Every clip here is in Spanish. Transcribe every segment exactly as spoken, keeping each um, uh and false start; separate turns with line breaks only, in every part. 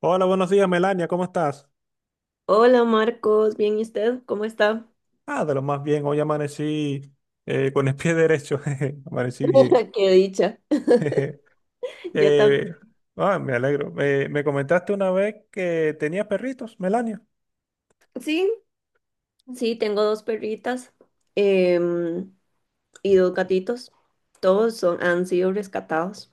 Hola, buenos días, Melania, ¿cómo estás?
Hola Marcos, bien, ¿y usted? ¿Cómo está?
Ah, de lo más bien, hoy amanecí eh, con el pie derecho, jeje, amanecí bien.
Qué dicha.
jeje.
Yo también.
Eh, ah, Me alegro. Eh, me comentaste una vez que tenías perritos, Melania.
Sí, sí, tengo dos perritas em, y dos gatitos. Todos son, han sido rescatados.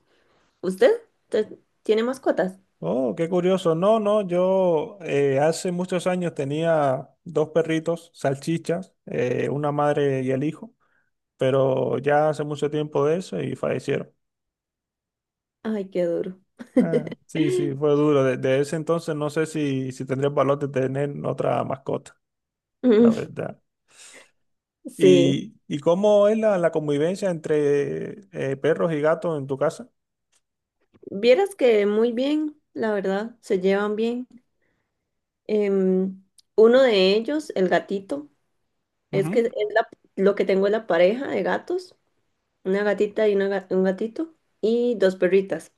¿Usted? ¿Te- ¿Tiene mascotas?
Oh, qué curioso. No, no, yo eh, hace muchos años tenía dos perritos, salchichas, eh, una madre y el hijo, pero ya hace mucho tiempo de eso y fallecieron.
Ay, qué duro.
Ah, sí, sí, fue duro. Desde ese entonces no sé si, si tendría el valor de tener otra mascota. La
Mm.
verdad.
Sí,
¿Y, y cómo es la, la convivencia entre eh, perros y gatos en tu casa?
vieras que muy bien, la verdad, se llevan bien. Em, uno de ellos, el gatito, es
Ujú.
que es la- lo que tengo es la pareja de gatos. Una gatita y una ga- un gatito y dos perritas.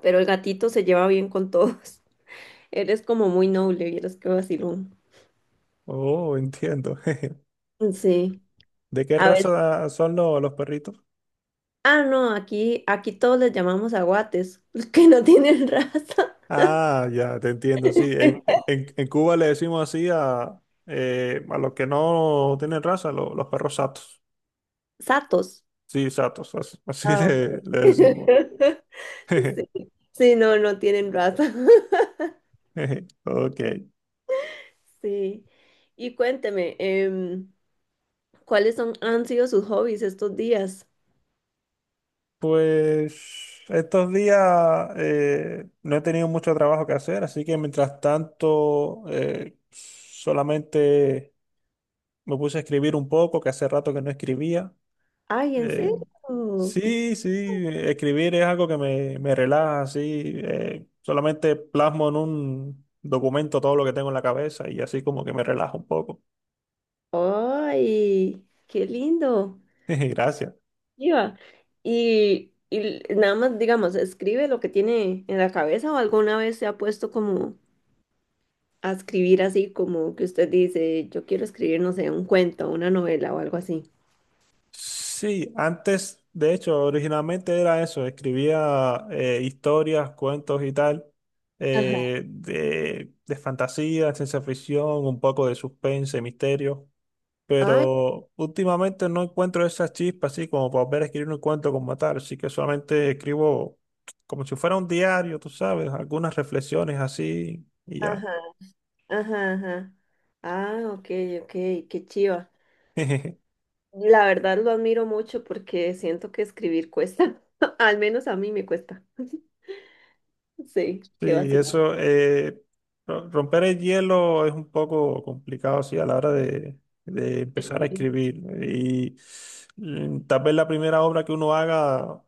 Pero el gatito se lleva bien con todos. Eres como muy noble, vieras qué vacilón.
Oh, entiendo.
Sí,
¿De qué
a ver.
raza son lo- los perritos?
Ah, no, aquí, aquí todos les llamamos aguates, que no tienen raza.
Ah, ya, te entiendo, sí. En, e, en, en Cuba le decimos así a, eh, a los que no tienen raza, lo- los perros satos.
Satos.
Sí, satos, as- así,
Ah, ok.
le, le decimos.
Sí, sí, no, no tienen raza.
Ok.
Sí. Y cuénteme, em, ¿cuáles son, han sido sus hobbies estos días?
Pues estos días eh, no he tenido mucho trabajo que hacer, así que mientras tanto eh, solamente me puse a escribir un poco, que hace rato que no escribía.
Ay, ¿en
Eh,
serio? Qué
sí, sí, escribir es algo que me, me relaja, así eh, solamente plasmo en un documento todo lo que tengo en la cabeza y así como que me relaja un poco.
¡Ay! ¡Qué lindo!
Gracias.
Iba. Y, y nada más, digamos, escribe lo que tiene en la cabeza o alguna vez se ha puesto como a escribir así, como que usted dice, yo quiero escribir, no sé, un cuento, una novela o algo así.
Sí, antes, de hecho, originalmente era eso, escribía eh, historias, cuentos y tal,
Ajá.
eh, de, de fantasía, ciencia ficción, un poco de suspense, misterio,
Ay,
pero últimamente no encuentro esa chispa así como para volver a escribir un cuento como tal, así que solamente escribo como si fuera un diario, tú sabes, algunas reflexiones así y ya.
ajá, ajá, ajá. Ah, ok, ok, qué chiva. La verdad lo admiro mucho porque siento que escribir cuesta. Al menos a mí me cuesta. Sí, qué
Sí,
vacilón.
eso, eh, ro- romper el hielo es un poco complicado, sí, a la hora de, de empezar a escribir. Y mm, tal vez la primera obra que uno haga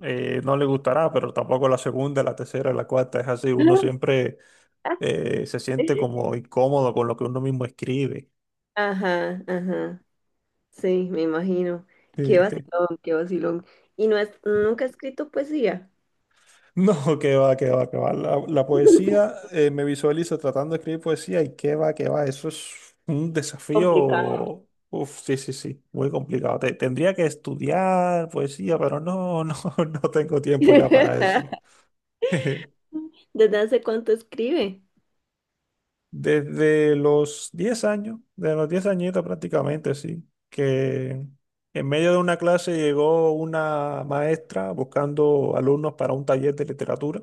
eh, no le gustará, pero tampoco la segunda, la tercera, la cuarta, es así. Uno siempre eh, se siente como incómodo con lo que uno mismo escribe.
Ajá, ajá. Sí, me imagino. Qué
Sí.
vacilón, qué vacilón. ¿Y no es, nunca ha escrito poesía?
No, que va, que va, que va. La, la poesía, eh, me visualizo tratando de escribir poesía y qué va, que va. Eso es un
Complicado.
desafío. Uf, sí, sí, sí, muy complicado. Te- tendría que estudiar poesía, pero no, no, no tengo tiempo ya para eso.
¿Desde hace cuánto escribe?
Desde los diez años, desde los diez añitos prácticamente, sí, que en medio de una clase llegó una maestra buscando alumnos para un taller de literatura.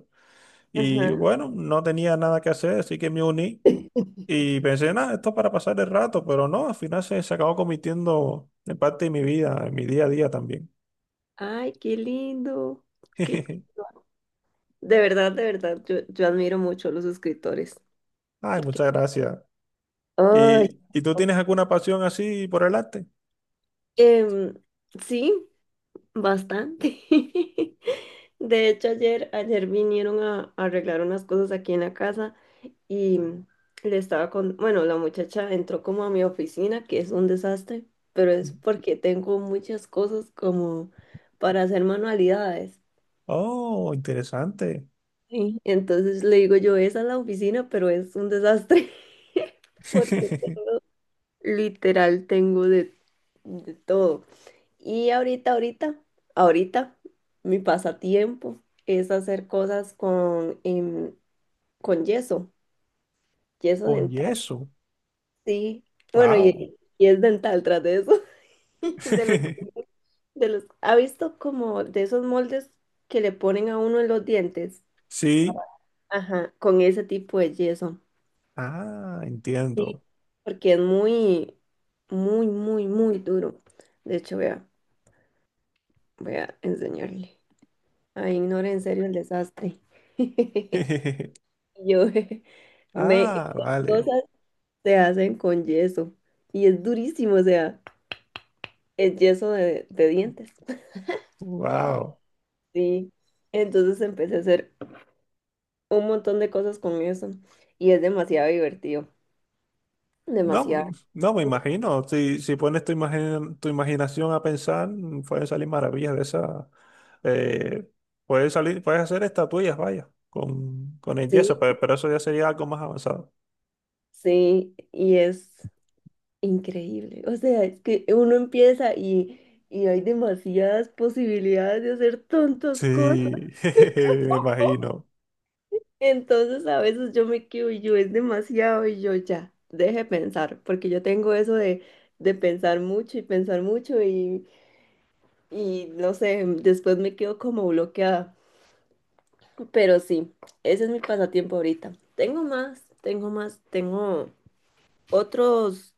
Ajá.
Y bueno, no tenía nada que hacer, así que me uní y pensé, nada, esto es para pasar el rato, pero no, al final se, se acabó convirtiendo en parte de mi vida, en mi día a día también.
Ay, qué lindo. Qué- De verdad, de verdad, yo, yo admiro mucho a los escritores.
Ay,
Porque,
muchas gracias.
ay,
¿Y, y tú tienes alguna pasión así por el arte?
em, sí, bastante. De hecho, ayer, ayer vinieron a, a arreglar unas cosas aquí en la casa. Y le estaba con, bueno, la muchacha entró como a mi oficina, que es un desastre, pero es porque tengo muchas cosas como para hacer manualidades.
Oh, interesante.
Sí. Entonces le digo yo, esa es la oficina, pero es un desastre porque literal tengo de, de todo. Y ahorita, ahorita, ahorita, mi pasatiempo es hacer cosas con, em, con yeso, yeso
Con
dental,
yeso.
sí. Bueno,
Wow.
y, y es dental tras de eso. De los, de los, ¿ha visto como de esos moldes que le ponen a uno en los dientes?
Sí.
Ajá, con ese tipo de yeso,
Ah, entiendo.
porque es muy, muy, muy, muy duro. De hecho, voy a, voy a enseñarle. Ay, ignore en serio el desastre. Y Yo, me, esas
Ah, vale.
cosas se hacen con yeso y es durísimo, o sea, es yeso de, de dientes.
Wow.
Sí, entonces empecé a hacer un montón de cosas con eso y es demasiado divertido,
No,
demasiado.
no me imagino. Si, si pones tu imagen, tu imaginación a pensar, mm, pueden salir maravillas de esa. eh, puedes salir, Puedes hacer estatuillas, vaya, con, con el
Sí,
yeso, pe- pero, eso ya sería algo más avanzado.
sí, y es increíble. O sea, es que uno empieza y, y hay demasiadas posibilidades de hacer tantas cosas.
Sí, jejeje, me imagino.
Entonces a veces yo me quedo y yo es demasiado y yo ya, deje pensar, porque yo tengo eso de, de pensar mucho y pensar mucho y, y no sé, después me quedo como bloqueada. Pero sí, ese es mi pasatiempo ahorita. Tengo más, tengo más, tengo otros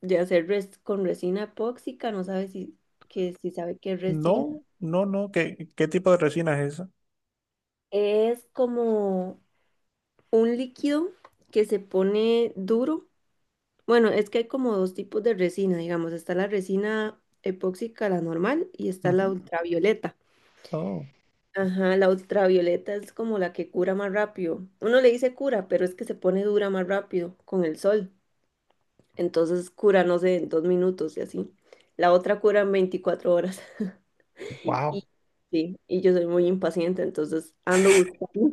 de hacer res con resina epóxica, no sabe si, que, si sabe qué es resina.
No, no, no. ¿Qué, qué tipo de resina es esa?
Es como un líquido que se pone duro. Bueno, es que hay como dos tipos de resina, digamos. Está la resina epóxica, la normal, y está la
Ujú.
ultravioleta.
Oh,
Ajá, la ultravioleta es como la que cura más rápido. Uno le dice cura, pero es que se pone dura más rápido con el sol. Entonces cura, no sé, en dos minutos y así. La otra cura en veinticuatro horas.
wow.
Y, sí, y yo soy muy impaciente, entonces ando buscando,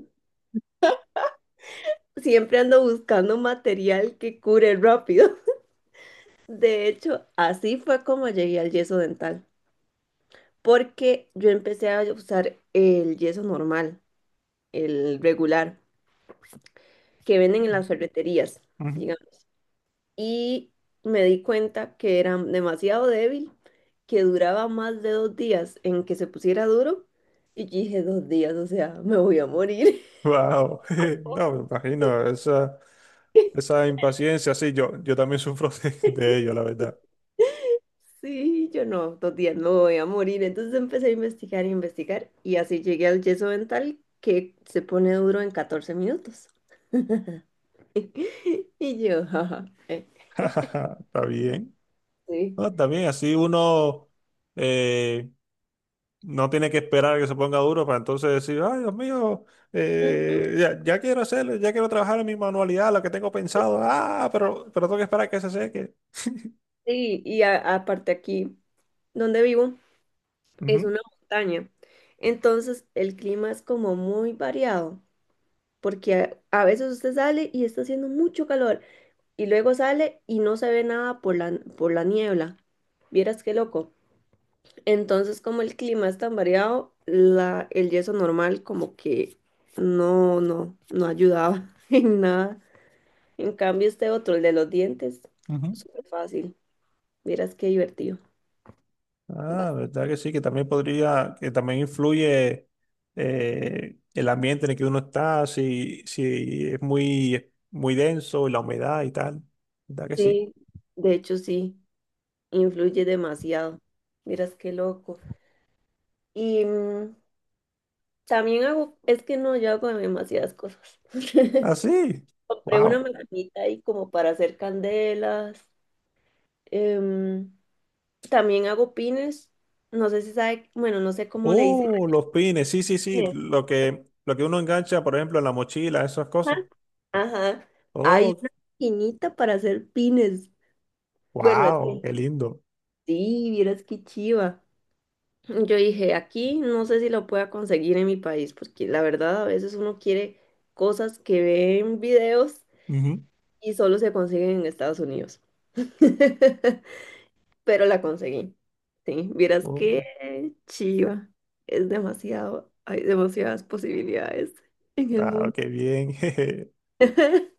siempre ando buscando material que cure rápido. De hecho, así fue como llegué al yeso dental, porque yo empecé a usar el yeso normal, el regular, que venden en las ferreterías. Y me di cuenta que era demasiado débil, que duraba más de dos días en que se pusiera duro y yo dije dos días, o sea, me voy a morir.
Wow. No, me imagino. Esa, esa impaciencia, sí, yo, yo también sufro de, de ello, la verdad.
Sí, yo no, dos días no voy a morir. Entonces empecé a investigar y investigar y así llegué al yeso dental que se pone duro en catorce minutos. Y yo, jaja, eh,
Está bien.
sí.
No, también así uno eh, no tiene que esperar a que se ponga duro para entonces decir, ay, Dios mío,
Ujú.
eh, ya, ya quiero hacerlo, ya quiero trabajar en mi manualidad, lo que tengo pensado, ah, pero, pero tengo que esperar a que se seque.
Sí, y a- aparte aquí donde vivo es
Ujú.
una montaña. Entonces el clima es como muy variado, porque a, a veces usted sale y está haciendo mucho calor y luego sale y no se ve nada por la, por la niebla. Vieras qué loco. Entonces, como el clima es tan variado, la, el yeso normal como que no, no, no ayudaba en nada. En cambio, este otro, el de los dientes,
Ujú.
súper fácil. Vieras qué divertido. Va-
Ah, verdad que sí, que también podría, que también influye eh, el ambiente en el que uno está, si, si es muy, muy denso, la humedad y tal. ¿Verdad que sí?
Sí, de hecho sí, influye demasiado. Miras qué loco. Y mm, También hago, es que no, yo hago demasiadas cosas.
Ah, sí.
Compré una
Wow.
maquinita ahí como para hacer candelas. em, también hago pines. No sé si sabe, bueno, no sé cómo le dicen.
Oh, los pines, sí, sí, sí,
Pines.
lo que, lo que uno engancha, por ejemplo, en la mochila, esas
Ajá.
cosas.
Ajá. Hay
Oh,
una maquinita para hacer pines. Bueno, es
wow,
que
qué lindo.
sí, vieras qué chiva. Yo dije, aquí no sé si lo pueda conseguir en mi país, porque la verdad a veces uno quiere cosas que ve en videos
Ujú.
y solo se consiguen en Estados Unidos. Pero la conseguí. Sí, vieras qué
Oh,
chiva. Es demasiado, hay demasiadas posibilidades en el
wow,
mundo.
qué bien. jeje.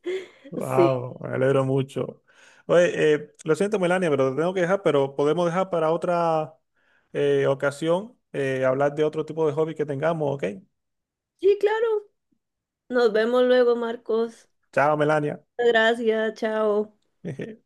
Sí,
Wow, me alegro mucho. Oye, eh, lo siento, Melania, pero te tengo que dejar, pero podemos dejar para otra eh, ocasión eh, hablar de otro tipo de hobby que tengamos, ¿ok?
sí, claro. Nos vemos luego, Marcos.
Chao, Melania.
Gracias, chao.